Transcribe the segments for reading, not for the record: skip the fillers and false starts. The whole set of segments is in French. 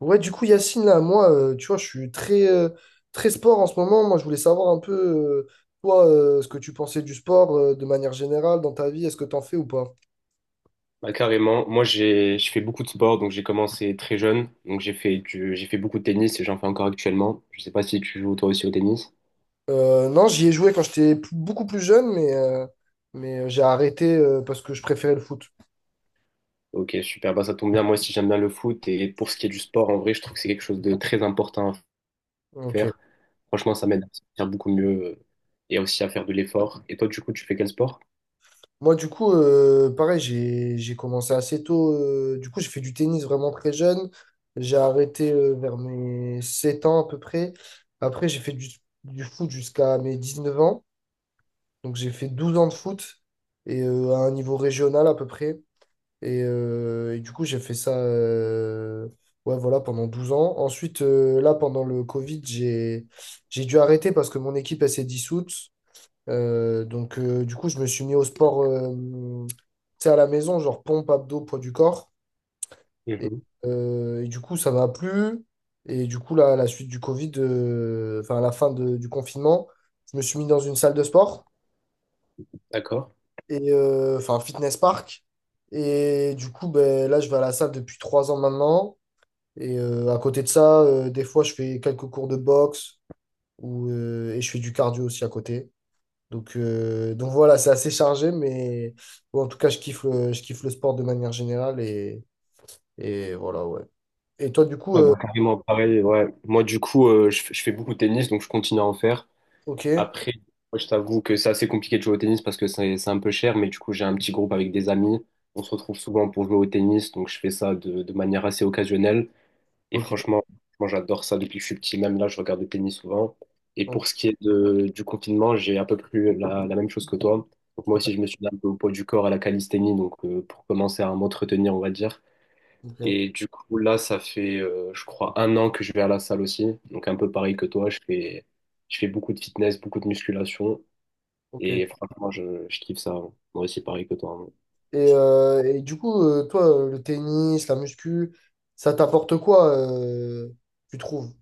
Ouais, du coup, Yacine, là, moi, tu vois, je suis très, très sport en ce moment. Moi, je voulais savoir un peu, toi, ce que tu pensais du sport, de manière générale dans ta vie. Est-ce que t'en fais ou pas? Bah, carrément. Moi, je fais beaucoup de sport, donc j'ai commencé très jeune. Donc j'ai fait beaucoup de tennis et j'en fais encore actuellement. Je sais pas si tu joues toi aussi au tennis. Non, j'y ai joué quand j'étais beaucoup plus jeune, mais, j'ai arrêté, parce que je préférais le foot. Ok, super. Bah, ça tombe bien. Moi aussi, j'aime bien le foot. Et pour ce qui est du sport, en vrai, je trouve que c'est quelque chose de très important à Ok. faire. Franchement, ça m'aide à me sentir beaucoup mieux euh, et aussi à faire de l'effort. Et toi, du coup, tu fais quel sport? Moi, du coup, pareil, j'ai commencé assez tôt. Du coup, j'ai fait du tennis vraiment très jeune. J'ai arrêté, vers mes 7 ans à peu près. Après, j'ai fait du foot jusqu'à mes 19 ans. Donc j'ai fait 12 ans de foot et à un niveau régional à peu près. Et du coup, j'ai fait ça ouais, voilà, pendant 12 ans. Ensuite, là, pendant le Covid, j'ai dû arrêter parce que mon équipe, elle s'est dissoute. Donc du coup, je me suis mis au sport tu sais, à la maison, genre pompe, abdos, poids du corps. Et, Mhm. et du coup, ça m'a plu. Et du coup, là, à la suite du Covid, enfin à la fin du confinement, je me suis mis dans une salle de sport. D'accord. Et enfin fitness park. Et du coup, ben, là, je vais à la salle depuis 3 ans maintenant. Et à côté de ça, des fois, je fais quelques cours de boxe ou, et je fais du cardio aussi à côté. Donc voilà, c'est assez chargé, mais bon, en tout cas, je kiffe le sport de manière générale. Et, voilà, ouais. Et toi, du coup, Ouais, bah, carrément pareil. Ouais. Moi, du coup, je fais beaucoup de tennis, donc je continue à en faire. ok, Après, moi, je t'avoue que c'est assez compliqué de jouer au tennis parce que c'est un peu cher, mais du coup, j'ai un petit groupe avec des amis. On se retrouve souvent pour jouer au tennis, donc je fais ça de manière assez occasionnelle. Et ok, franchement, moi, j'adore ça depuis que je suis petit. Même là, je regarde le tennis souvent. Et ok, pour ce qui est du confinement, j'ai à peu près la même chose que toi. Donc moi aussi, je me suis mis un peu au poids du corps à la calisthénie, donc pour commencer à m'entretenir, on va dire. Et du coup, là, ça fait, je crois, un an que je vais à la salle aussi. Donc, un peu pareil que toi, je fais beaucoup de fitness, beaucoup de musculation. ok. Et franchement, je kiffe ça. Moi aussi, pareil que toi, hein. Et du coup, toi, le tennis, la muscu, ça t'apporte quoi, tu trouves?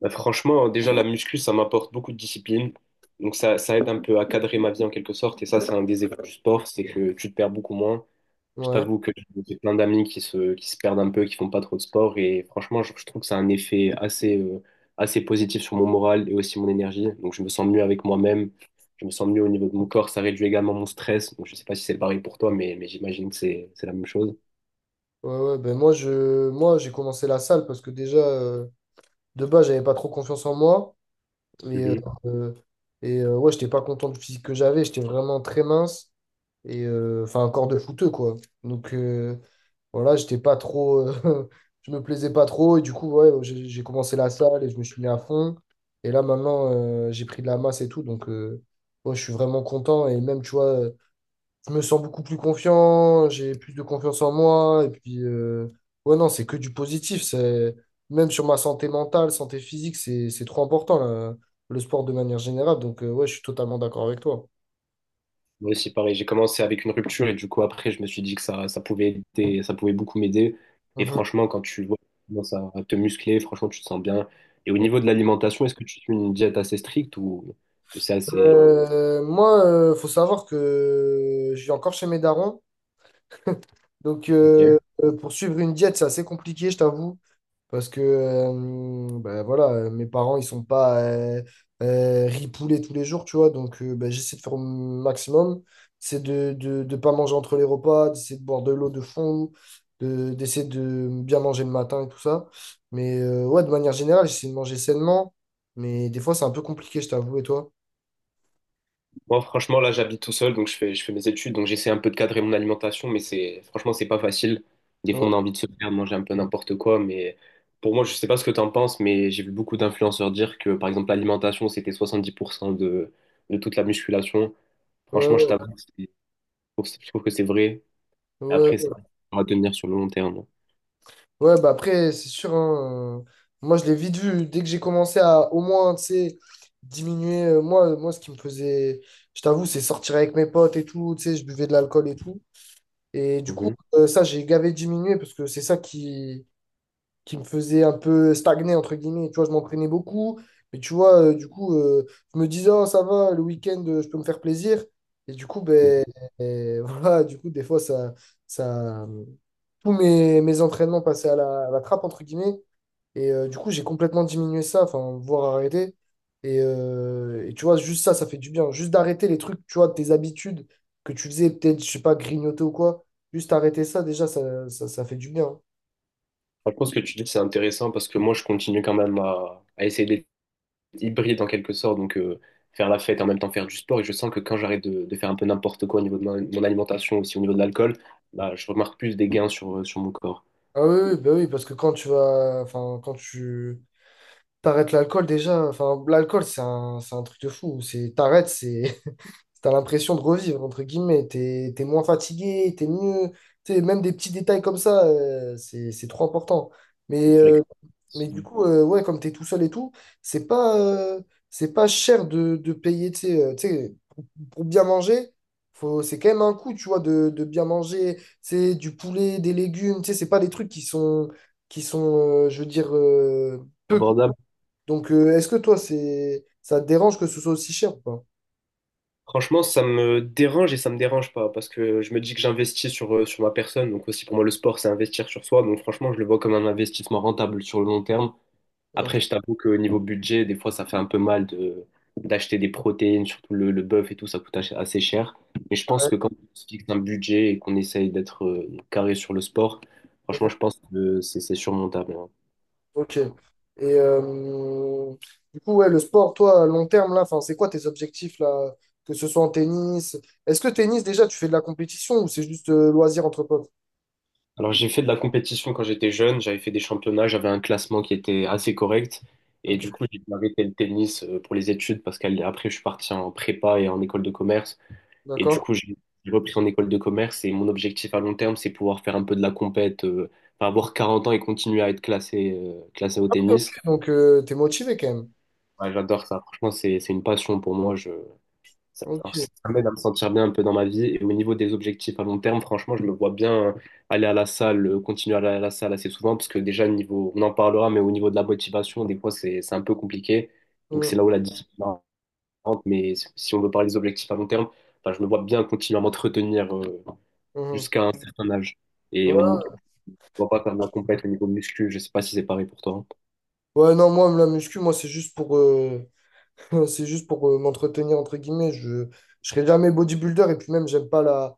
Bah, franchement, déjà, la muscu, ça m'apporte beaucoup de discipline. Donc, ça aide un peu à cadrer ma vie en quelque sorte. Et ça, c'est un des effets du sport, c'est que tu te perds beaucoup moins. Je Ouais, t'avoue que j'ai plein d'amis qui se perdent un peu, qui font pas trop de sport. Et franchement, je trouve que ça a un effet assez, assez positif sur mon moral et aussi mon énergie. Donc, je me sens mieux avec moi-même. Je me sens mieux au niveau de mon corps. Ça réduit également mon stress. Donc, je sais pas si c'est pareil pour toi, mais j'imagine que c'est la même chose. ouais, ouais. Ben moi, moi, j'ai commencé la salle parce que déjà, de base, j'avais pas trop confiance en moi. Et, euh, Mhm. euh, et, ouais, j'étais pas content du physique que j'avais. J'étais vraiment très mince. Et enfin, un corps de fouteux, quoi. Donc, voilà, j'étais pas trop. Je me plaisais pas trop. Et du coup, ouais, j'ai commencé la salle et je me suis mis à fond. Et là, maintenant, j'ai pris de la masse et tout. Donc, ouais, je suis vraiment content. Et même, tu vois. Je me sens beaucoup plus confiant, j'ai plus de confiance en moi. Et puis, ouais, non, c'est que du positif. C'est, même sur ma santé mentale, santé physique, c'est trop important, là, le sport de manière générale. Donc, ouais, je suis totalement d'accord avec toi. Moi aussi, pareil. J'ai commencé avec une rupture et du coup, après, je me suis dit que ça pouvait beaucoup m'aider. Et Mhm. franchement, quand tu vois, tu commences à te muscler, franchement, tu te sens bien. Et au niveau de l'alimentation, est-ce que tu suis une diète assez stricte ou c'est assez. Moi, faut savoir que je vis encore chez mes darons. Donc, Ok. Pour suivre une diète, c'est assez compliqué, je t'avoue. Parce que bah, voilà, mes parents, ils sont pas ripoulés tous les jours, tu vois. Donc, bah, j'essaie de faire mon maximum. C'est de pas manger entre les repas, d'essayer de boire de l'eau de fond, d'essayer de bien manger le matin et tout ça. Mais ouais, de manière générale, j'essaie de manger sainement. Mais des fois, c'est un peu compliqué, je t'avoue. Et toi? Moi, franchement, là, j'habite tout seul, donc je fais mes études, donc j'essaie un peu de cadrer mon alimentation, mais c'est, franchement, c'est pas facile. Des fois, Ouais, on a envie de se faire manger un peu n'importe quoi, mais pour moi, je sais pas ce que t'en penses, mais j'ai vu beaucoup d'influenceurs dire que, par exemple, l'alimentation, c'était 70% de toute la musculation. ouais, Franchement, je ouais. t'avoue, que je trouve que c'est vrai. Après, Ouais. c'est à tenir sur le long terme. Ouais, bah après, c'est sûr. Hein, moi, je l'ai vite vu. Dès que j'ai commencé à au moins, tu sais, diminuer. Moi, moi, ce qui me faisait, je t'avoue, c'est sortir avec mes potes et tout. Tu sais, je buvais de l'alcool et tout. Et du coup, Mhm. Ça, j'ai gavé diminué parce que c'est ça qui me faisait un peu stagner, entre guillemets. Tu vois, je m'entraînais beaucoup. Mais tu vois, du coup, je me disais, oh, ça va, le week-end, je peux me faire plaisir. Et du coup, ben, Mhm. Voilà, du coup, des fois, ça, tous mes entraînements passaient à la trappe, entre guillemets. Et du coup, j'ai complètement diminué ça, enfin, voire arrêté. Et tu vois, juste ça, ça fait du bien. Juste d'arrêter les trucs, tu vois, tes habitudes que tu faisais, peut-être, je sais pas, grignoter ou quoi. Juste arrêter ça, déjà, ça fait du bien. Franchement, ce que tu dis, c'est intéressant parce que moi, je continue quand même à essayer hybride en quelque sorte, donc faire la fête et en même temps faire du sport. Et je sens que quand j'arrête de faire un peu n'importe quoi au niveau de mon alimentation, aussi au niveau de l'alcool, bah, je remarque plus des gains sur mon corps. Ah oui, oui, bah oui, parce que quand tu vas, enfin, quand tu t'arrêtes l'alcool déjà, enfin, l'alcool, c'est un, truc de fou. C'est, t'arrêtes, c'est, t'as l'impression de revivre, entre guillemets. T'es moins fatigué, t'es mieux. Tu sais, même des petits détails comme ça, c'est trop important. Donc, Mais, c'est vrai que euh, mais c'est du coup, ouais, comme t'es tout seul et tout, c'est pas, euh, c'est pas cher de payer, tu sais, pour bien manger, faut, c'est quand même un coût, tu vois, de bien manger, tu sais, du poulet, des légumes, tu sais, c'est pas des trucs qui sont, je veux dire, peu coûteux. abordable. Donc, est-ce que toi, c'est, ça te dérange que ce soit aussi cher ou pas? Franchement, ça me dérange et ça me dérange pas parce que je me dis que j'investis sur ma personne. Donc aussi pour moi, le sport, c'est investir sur soi. Donc franchement, je le vois comme un investissement rentable sur le long terme. Après, je t'avoue qu'au niveau budget, des fois, ça fait un peu mal de d'acheter des protéines, surtout le bœuf et tout, ça coûte assez cher. Mais je pense que quand on se fixe un budget et qu'on essaye d'être carré sur le sport, franchement, Ok. je pense que c'est surmontable, hein. Ok. Et euh, du coup, ouais, le sport, toi, à long terme, là, enfin, c'est quoi tes objectifs, là, que ce soit en tennis? Est-ce que tennis, déjà, tu fais de la compétition ou c'est juste loisir entre potes? Alors, j'ai fait de la compétition quand j'étais jeune, j'avais fait des championnats, j'avais un classement qui était assez correct. Et Ok, du coup, j'ai arrêté le tennis pour les études parce qu'après, je suis parti en prépa et en école de commerce. Et du d'accord. coup, j'ai repris en école de commerce et mon objectif à long terme, c'est pouvoir faire un peu de la compète, enfin, avoir 40 ans et continuer à être classé, classé au Ok, tennis. donc, t'es motivé quand même. Ouais, j'adore ça. Franchement, c'est une passion pour moi. Ça, Ok. enfin, ça m'aide à me sentir bien un peu dans ma vie. Et au niveau des objectifs à long terme, franchement, je me vois bien aller à la salle, continuer à aller à la salle assez souvent, parce que déjà, au niveau, on en parlera, mais au niveau de la motivation, des fois, c'est un peu compliqué. Donc, Mhm, c'est là où la discipline rentre. Mais si on veut parler des objectifs à long terme, enfin, je me vois bien continuer à m'entretenir, mhm. jusqu'à un certain âge. Et on ne Ouais, doit pas faire de la compète au niveau muscu. Je sais pas si c'est pareil pour toi. ouais, non, moi, la muscu, moi, c'est juste pour, c'est juste pour m'entretenir, entre guillemets. Je serai jamais bodybuilder et puis même, j'aime pas la.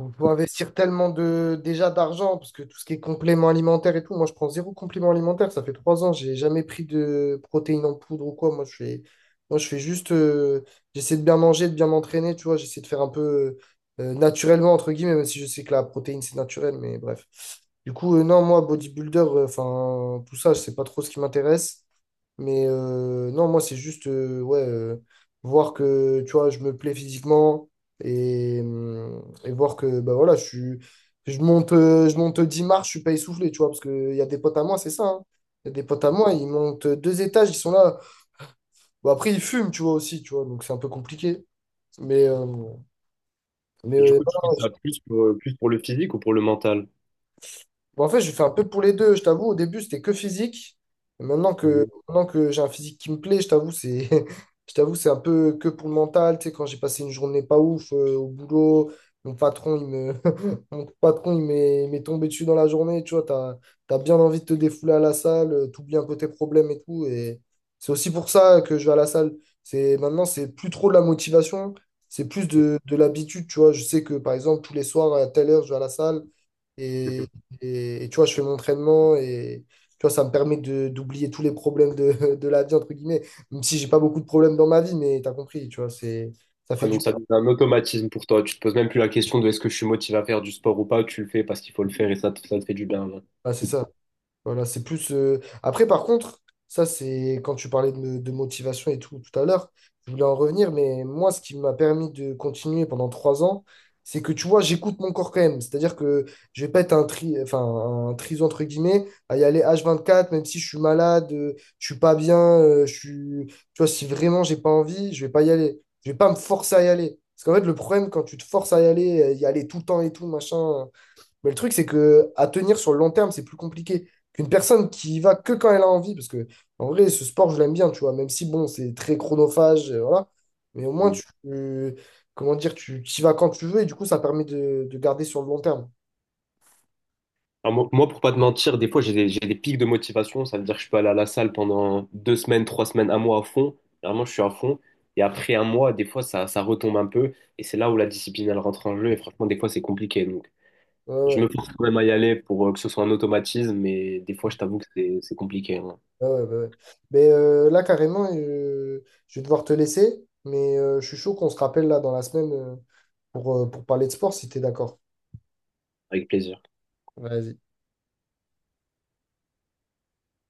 On peut investir tellement de déjà d'argent, parce que tout ce qui est complément alimentaire et tout, moi je prends zéro complément alimentaire. Ça fait 3 ans, j'ai jamais pris de protéines en poudre ou quoi. Moi, je fais juste, j'essaie de bien manger, de bien m'entraîner, tu vois. J'essaie de faire un peu naturellement, entre guillemets, même si je sais que la protéine c'est naturel, mais bref. Du coup, non, moi bodybuilder, enfin tout ça, je sais pas trop ce qui m'intéresse. Mais non, moi, c'est juste ouais, voir que tu vois, je me plais physiquement et voir que bah, voilà, je suis, je monte 10 marches, je suis pas essoufflé, tu vois, parce qu'il y a des potes à moi, c'est ça. Hein. Il y a des potes à moi, ils montent 2 étages, ils sont là. Bon, après, ils fument, tu vois, aussi, tu vois, donc c'est un peu compliqué. Mais, euh, mais Et du euh, coup, tu fais ça plus pour le physique ou pour le mental? Bon, en fait, je fais un peu pour les deux, je t'avoue. Au début, c'était que physique. Et Maintenant que, Mhm. maintenant que j'ai un physique qui me plaît, je t'avoue, c'est, je t'avoue, c'est un peu que pour le mental. Tu sais, quand j'ai passé une journée pas ouf au boulot, mon patron, il me, mon patron, il m'est tombé dessus dans la journée. Tu vois, t'as bien envie de te défouler à la salle, t'oublies un peu tes problèmes et tout. Et c'est aussi pour ça que je vais à la salle. C'est, maintenant, c'est plus trop de la motivation, c'est plus de l'habitude. Tu vois, je sais que, par exemple, tous les soirs, à telle heure, je vais à la salle. et Mhm. et tu vois, je fais mon entraînement et tu vois, ça me permet d'oublier tous les problèmes de, de la vie, entre guillemets. Même si j'ai pas beaucoup de problèmes dans ma vie, mais t'as compris, tu vois, c'est, ça fait Ah, du donc ça bien. devient un automatisme pour toi. Tu te poses même plus la question de est-ce que je suis motivé à faire du sport ou pas. Tu le fais parce qu'il faut le faire et ça te fait du bien, là. Ouais, c'est ça. Voilà, c'est plus. Après, par contre, ça, c'est quand tu parlais de motivation et tout tout à l'heure, je voulais en revenir, mais moi, ce qui m'a permis de continuer pendant 3 ans, c'est que tu vois, j'écoute mon corps quand même. C'est-à-dire que je vais pas être un tri, enfin, un triso entre guillemets, à y aller H24, même si je suis malade, je suis pas bien, je suis. Tu vois, si vraiment j'ai pas envie, je vais pas y aller. Je vais pas me forcer à y aller. Parce qu'en fait, le problème, quand tu te forces à y aller tout le temps et tout, machin, mais le truc, c'est que à tenir sur le long terme, c'est plus compliqué qu'une personne qui y va que quand elle a envie. Parce que, en vrai, ce sport, je l'aime bien, tu vois, même si, bon, c'est très chronophage, voilà. Mais au moins, tu, comment dire, tu y vas quand tu veux et du coup, ça permet de garder sur le long terme. Alors, moi, pour pas te mentir, des fois, j'ai des pics de motivation. Ça veut dire que je peux aller à la salle pendant 2 semaines, 3 semaines, un mois à fond. Vraiment, je suis à fond. Et après un mois, des fois, ça retombe un peu. Et c'est là où la discipline, elle rentre en jeu. Et franchement, des fois, c'est compliqué. Donc, Ouais, je ouais. me force quand même à y aller pour que ce soit un automatisme. Mais des fois, je t'avoue que c'est compliqué, hein. Ouais, ouais, ouais, ouais. Mais là, carrément, je vais devoir te laisser. Mais je suis chaud qu'on se rappelle là dans la semaine pour parler de sport si t'es d'accord. Avec plaisir. Vas-y.